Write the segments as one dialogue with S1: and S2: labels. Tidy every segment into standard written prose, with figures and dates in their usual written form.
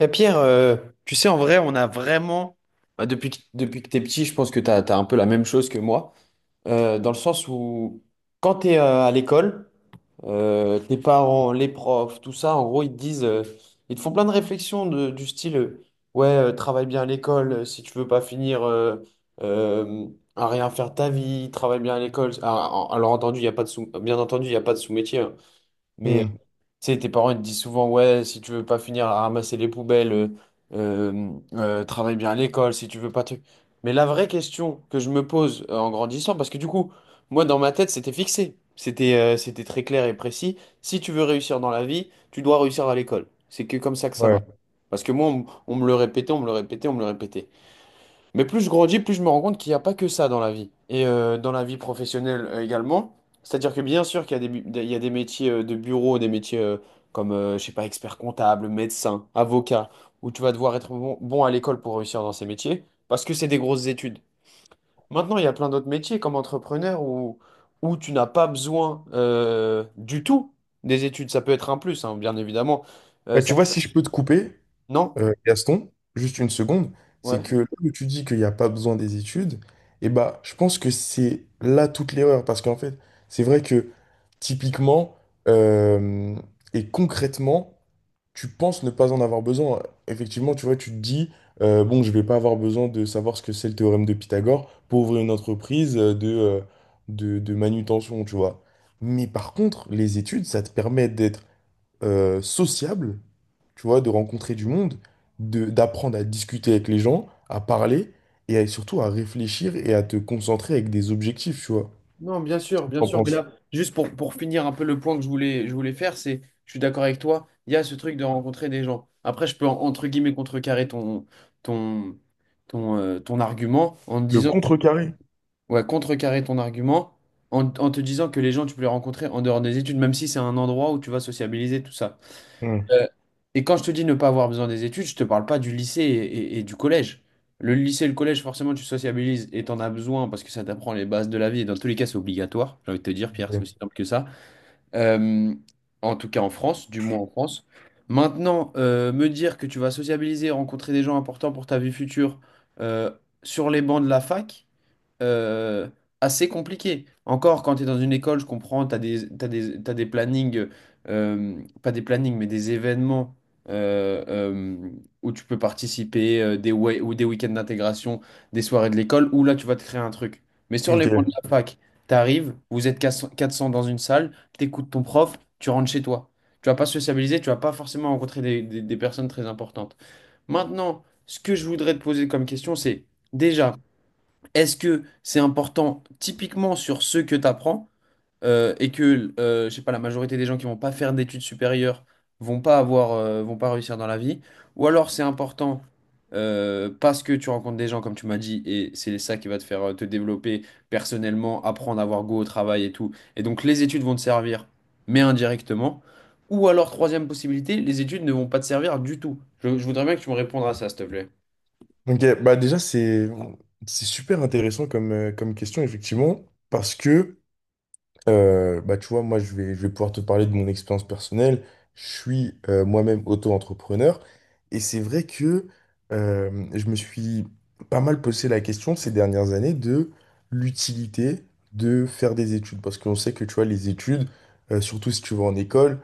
S1: Eh, Pierre, euh, Tu sais, en vrai, on a vraiment, bah, depuis, depuis que t'es petit, je pense que t'as un peu la même chose que moi, dans le sens où quand t'es à l'école, tes parents, les profs, tout ça, en gros, ils te disent, ils te font plein de réflexions du style, ouais, travaille bien à l'école, si tu veux pas finir euh, à rien faire de ta vie, travaille bien à l'école. Ah, alors entendu, il y a pas de sous, bien entendu, il n'y a pas de sous-métier, hein. Mais
S2: Hmm,
S1: tu sais, tes parents ils te disent souvent, ouais, si tu veux pas finir à ramasser les poubelles, travaille bien à l'école, si tu veux pas te... Mais la vraie question que je me pose en grandissant, parce que du coup, moi dans ma tête, c'était fixé, c'était très clair et précis, si tu veux réussir dans la vie, tu dois réussir à l'école. C'est que comme ça que ça
S2: ouais.
S1: marche. Parce que moi, on me le répétait, on me le répétait, on me le répétait. Mais plus je grandis, plus je me rends compte qu'il n'y a pas que ça dans la vie. Et dans la vie professionnelle également. C'est-à-dire que bien sûr qu'il y a il y a des métiers de bureau, des métiers comme, je sais pas, expert comptable, médecin, avocat, où tu vas devoir être bon à l'école pour réussir dans ces métiers, parce que c'est des grosses études. Maintenant, il y a plein d'autres métiers comme entrepreneur où tu n'as pas besoin du tout des études. Ça peut être un plus, hein, bien évidemment.
S2: Bah,
S1: Ça...
S2: tu vois, si je peux te couper,
S1: Non?
S2: Gaston, juste une seconde, c'est
S1: Ouais.
S2: que là où tu dis qu'il n'y a pas besoin des études, et bah, je pense que c'est là toute l'erreur. Parce qu'en fait, c'est vrai que typiquement euh, et concrètement, tu penses ne pas en avoir besoin. Effectivement, tu vois, tu te dis, bon, je vais pas avoir besoin de savoir ce que c'est le théorème de Pythagore pour ouvrir une entreprise de, manutention, tu vois. Mais par contre, les études, ça te permet d'être sociable, tu vois, de rencontrer du monde, de, d'apprendre à discuter avec les gens, à parler et à- surtout à réfléchir et à te concentrer avec des objectifs, tu vois.
S1: Non, bien sûr, bien
S2: Qu'en
S1: sûr. Mais
S2: penses?
S1: là, juste pour finir un peu le point que je voulais faire, c'est, je suis d'accord avec toi, il y a ce truc de rencontrer des gens. Après, je peux, entre guillemets, contrecarrer ton, ton argument en te
S2: Le
S1: disant,
S2: contrecarré.
S1: ouais, contrecarrer ton argument en te disant que les gens, tu peux les rencontrer en dehors des études, même si c'est un endroit où tu vas sociabiliser, tout ça.
S2: Hmm.
S1: Euh, et quand je te dis ne pas avoir besoin des études, je te parle pas du lycée et du collège. Le lycée et le collège, forcément, tu sociabilises et t'en as besoin parce que ça t'apprend les bases de la vie. Et dans tous les cas, c'est obligatoire. J'ai envie de te dire, Pierre, c'est aussi
S2: Ok.
S1: simple que ça. Euh, en tout cas, en France, du moins en France. Maintenant, me dire que tu vas sociabiliser, rencontrer des gens importants pour ta vie future euh, sur les bancs de la fac euh, assez compliqué. Encore, quand tu es dans une école, je comprends, tu as t'as des plannings, pas des plannings, mais des événements euh, euh, où tu peux participer, ou des week-ends d'intégration, des soirées de l'école, où là, tu vas te créer un truc. Mais sur les bancs de
S2: Ok.
S1: la fac, tu arrives, vous êtes 400 400 dans une salle, tu écoutes ton prof, tu rentres chez toi. Tu vas pas sociabiliser, tu vas pas forcément rencontrer des personnes très importantes. Maintenant, ce que je voudrais te poser comme question, c'est... Déjà, est-ce que c'est important typiquement sur ce que tu apprends et que, je sais pas, la majorité des gens qui vont pas faire d'études supérieures vont pas avoir, vont pas réussir dans la vie? Ou alors c'est important parce que tu rencontres des gens, comme tu m'as dit, et c'est ça qui va te faire te développer personnellement, apprendre à avoir goût au travail et tout. Et donc les études vont te servir, mais indirectement. Ou alors, troisième possibilité, les études ne vont pas te servir du tout. Je voudrais bien que tu me répondes à ça, s'il te plaît.
S2: Ok, bah déjà, c'est super intéressant comme, comme question, effectivement, parce que bah, tu vois, moi, je vais pouvoir te parler de mon expérience personnelle. Je suis moi-même auto-entrepreneur. Et c'est vrai que je me suis pas mal posé la question ces dernières années de l'utilité de faire des études. Parce qu'on sait que, tu vois, les études, surtout si tu vas en école,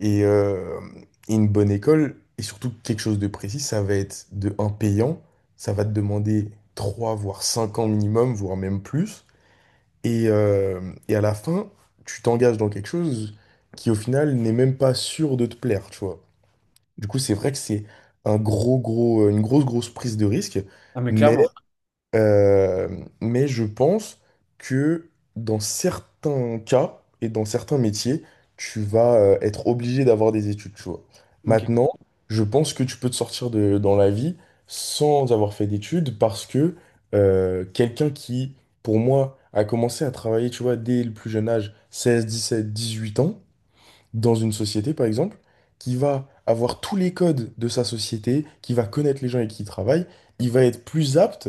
S2: et, euh, et une bonne école, et surtout quelque chose de précis, ça va être de un payant. Ça va te demander 3 voire 5 ans minimum, voire même plus. Et, euh, et à la fin, tu t'engages dans quelque chose qui, au final, n'est même pas sûr de te plaire, tu vois. Du coup, c'est vrai que c'est un gros, gros, une grosse, grosse prise de risque,
S1: Ah, mais
S2: mais
S1: clairement.
S2: euh, mais je pense que dans certains cas et dans certains métiers, tu vas être obligé d'avoir des études, tu vois.
S1: Ok.
S2: Maintenant, je pense que tu peux te sortir de, dans la vie sans avoir fait d'études parce que quelqu'un qui, pour moi, a commencé à travailler, tu vois, dès le plus jeune âge, seize, dix-sept, dix-huit ans, dans une société, par exemple, qui va avoir tous les codes de sa société, qui va connaître les gens avec qui il travaille, il va être plus apte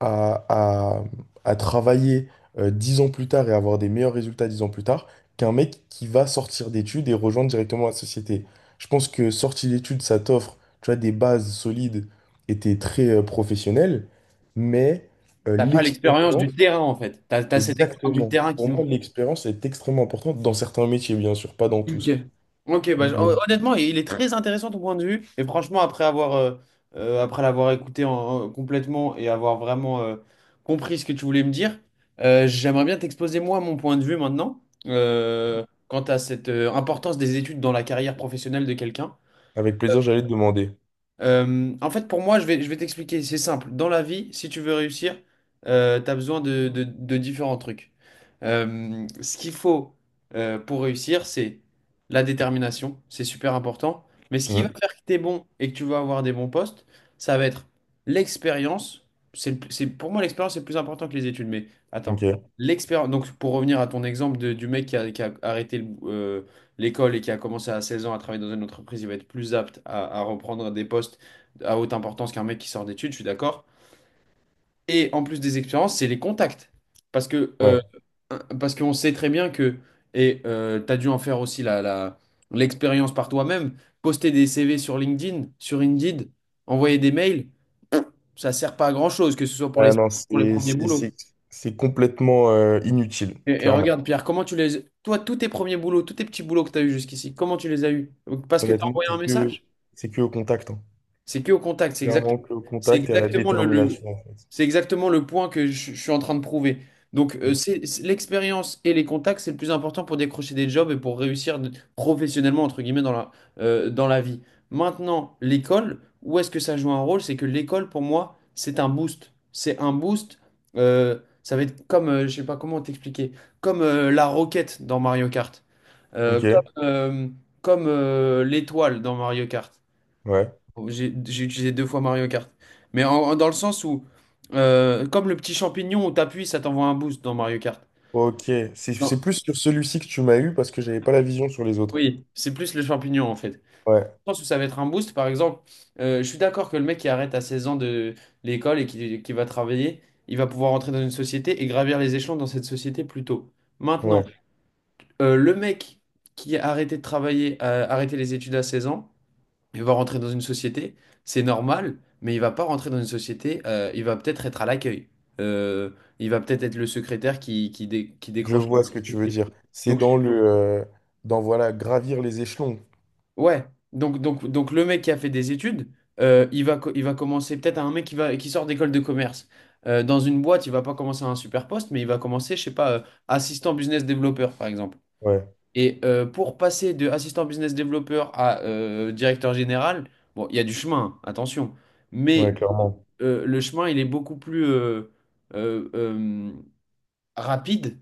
S2: à, à- à travailler 10 ans plus tard et avoir des meilleurs résultats 10 ans plus tard qu'un mec qui va sortir d'études et rejoindre directement la société. Je pense que sortir d'études, ça t'offre, tu vois, des bases solides et t'es très professionnel, mais
S1: T'as pas l'expérience du
S2: l'expérience,
S1: terrain en fait. T'as cette expérience du
S2: exactement.
S1: terrain
S2: Pour
S1: qui
S2: moi,
S1: manque.
S2: l'expérience est extrêmement importante dans certains métiers, bien sûr, pas dans
S1: Ok.
S2: tous.
S1: Ok, bah,
S2: Mais
S1: honnêtement, il est très intéressant ton point de vue. Et franchement, après avoir, après l'avoir écouté complètement et avoir vraiment compris ce que tu voulais me dire, j'aimerais bien t'exposer moi mon point de vue maintenant quant à cette importance des études dans la carrière professionnelle de quelqu'un.
S2: avec plaisir, j'allais te demander.
S1: En fait, pour moi, je vais t'expliquer, c'est simple. Dans la vie, si tu veux réussir, tu as besoin de différents trucs. Ce qu'il faut pour réussir, c'est la détermination, c'est super important. Mais ce qui va
S2: Mhm.
S1: faire que tu es bon et que tu vas avoir des bons postes, ça va être l'expérience. Pour moi, l'expérience est plus important que les études. Mais attends,
S2: Ok,
S1: l'expérience. Donc, pour revenir à ton exemple du mec qui a arrêté l'école et qui a commencé à 16 ans à travailler dans une entreprise, il va être plus apte à reprendre des postes à haute importance qu'un mec qui sort d'études, je suis d'accord. Et en plus des expériences, c'est les contacts. Parce que,
S2: ouais.
S1: parce qu'on sait très bien que, et tu as dû en faire aussi l'expérience par toi-même, poster des CV sur LinkedIn, sur Indeed, envoyer des mails, ça sert pas à grand-chose, que ce soit
S2: Ah non,
S1: pour les
S2: c'est
S1: premiers
S2: c'est-
S1: boulots.
S2: c'est- c'est complètement inutile,
S1: Et
S2: clairement.
S1: regarde, Pierre, comment tu les... Toi, tous tes premiers boulots, tous tes petits boulots que tu as eus jusqu'ici, comment tu les as eus? Parce que tu as
S2: Honnêtement,
S1: envoyé un message?
S2: c'est que au contact. Hein.
S1: C'est que au contact. C'est exact,
S2: Clairement que au
S1: c'est
S2: contact et à la
S1: exactement
S2: détermination, en fait.
S1: c'est exactement le point que je suis en train de prouver. Donc,
S2: Mhm.
S1: l'expérience et les contacts, c'est le plus important pour décrocher des jobs et pour réussir professionnellement, entre guillemets, dans la vie. Maintenant, l'école, où est-ce que ça joue un rôle? C'est que l'école, pour moi, c'est un boost. C'est un boost. Ça va être comme, je sais pas comment t'expliquer, comme la roquette dans Mario Kart. Euh, comme
S2: Ok,
S1: euh, comme, l'étoile dans Mario Kart.
S2: ouais.
S1: J'ai utilisé deux fois Mario Kart. Mais dans le sens où, comme le petit champignon où t'appuies, ça t'envoie un boost dans Mario Kart.
S2: Ok, c'est
S1: Non,
S2: plus sur celui-ci que tu m'as eu parce que j'avais pas la vision sur les autres.
S1: oui, c'est plus le champignon en fait.
S2: Ouais,
S1: Dans le sens ça va être un boost, par exemple, je suis d'accord que le mec qui arrête à 16 ans de l'école et qui va travailler, il va pouvoir entrer dans une société et gravir les échelons dans cette société plus tôt. Maintenant,
S2: ouais,
S1: le mec qui a arrêté de travailler, a arrêté les études à 16 ans, il va rentrer dans une société, c'est normal, mais il va pas rentrer dans une société, il va peut-être être à l'accueil. Euh, il va peut-être être le secrétaire qui
S2: je
S1: décroche.
S2: vois ce que tu veux dire. C'est dans
S1: Donc,
S2: le, dans, voilà, gravir les échelons.
S1: ouais, donc le mec qui a fait des études, il va, il va commencer peut-être à un mec qui sort d'école de commerce. Dans une boîte, il va pas commencer à un super poste, mais il va commencer, je sais pas, assistant business développeur, par exemple.
S2: Ouais,
S1: Et pour passer de assistant business développeur à directeur général, bon, il y a du chemin, hein, attention. Mais
S2: ouais, clairement.
S1: le chemin, il est beaucoup plus euh, euh, rapide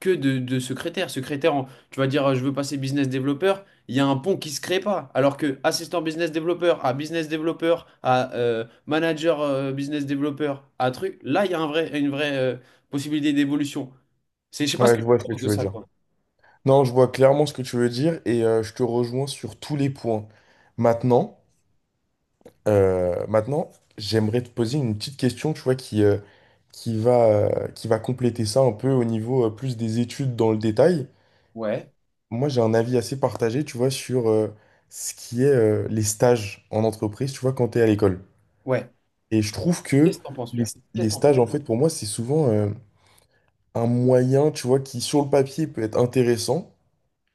S1: que de secrétaire. Secrétaire, tu vas dire, je veux passer business developer, il y a un pont qui se crée pas. Alors que assistant business developer à manager business developer à truc, là, il y a un vrai, une vraie possibilité d'évolution. C'est, je sais pas ce
S2: Ouais,
S1: que
S2: je vois ce
S1: tu
S2: que
S1: penses de
S2: tu veux
S1: ça,
S2: dire.
S1: toi.
S2: Non, je vois clairement ce que tu veux dire et je te rejoins sur tous les points. Maintenant, maintenant, j'aimerais te poser une petite question, tu vois, qui, qui va compléter ça un peu au niveau plus des études dans le détail.
S1: Ouais,
S2: Moi, j'ai un avis assez partagé, tu vois, sur ce qui est les stages en entreprise, tu vois, quand tu es à l'école.
S1: ouais.
S2: Et je trouve que
S1: Qu'est-ce que t'en penses,
S2: les,
S1: Pierre? Qu'est-ce
S2: les
S1: que t'en
S2: stages,
S1: penses?
S2: en fait, pour moi, c'est souvent un moyen, tu vois, qui sur le papier peut être intéressant.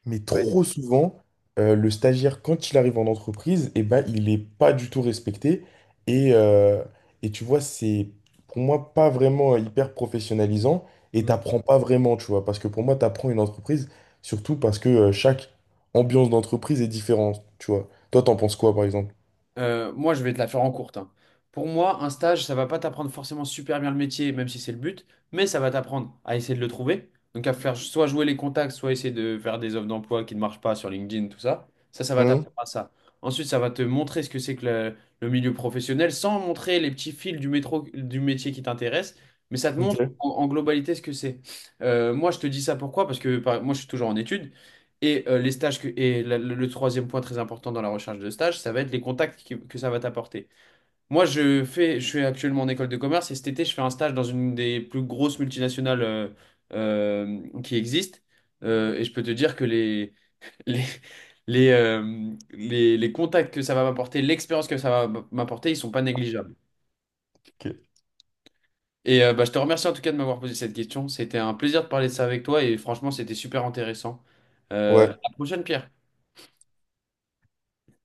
S2: Mais trop souvent, le stagiaire, quand il arrive en entreprise, eh ben, il n'est pas du tout respecté. Et, euh, et tu vois, c'est pour moi pas vraiment hyper professionnalisant et
S1: Ouais.
S2: t'apprends pas vraiment, tu vois. Parce que pour moi, t'apprends une entreprise, surtout parce que chaque ambiance d'entreprise est différente, tu vois. Toi, t'en penses quoi, par exemple?
S1: Moi, je vais te la faire en courte. Hein. Pour moi, un stage, ça va pas t'apprendre forcément super bien le métier, même si c'est le but, mais ça va t'apprendre à essayer de le trouver. Donc à faire soit jouer les contacts, soit essayer de faire des offres d'emploi qui ne marchent pas sur LinkedIn, tout ça. Ça va
S2: Hum,
S1: t'apprendre à ça. Ensuite, ça va te montrer ce que c'est que le milieu professionnel, sans montrer les petits fils du métro, du métier qui t'intéresse, mais ça te
S2: ok,
S1: montre en globalité ce que c'est. Moi, je te dis ça pourquoi? Moi, je suis toujours en études. Et les stages que, et le troisième point très important dans la recherche de stage, ça va être les contacts que ça va t'apporter. Moi, je suis actuellement en école de commerce et cet été, je fais un stage dans une des plus grosses multinationales qui existent. Et je peux te dire que les, les contacts que ça va m'apporter, l'expérience que ça va m'apporter, ils sont pas négligeables.
S2: ok.
S1: Et bah, je te remercie en tout cas de m'avoir posé cette question. C'était un plaisir de parler de ça avec toi et franchement, c'était super intéressant. À
S2: Ouais.
S1: la prochaine, Pierre.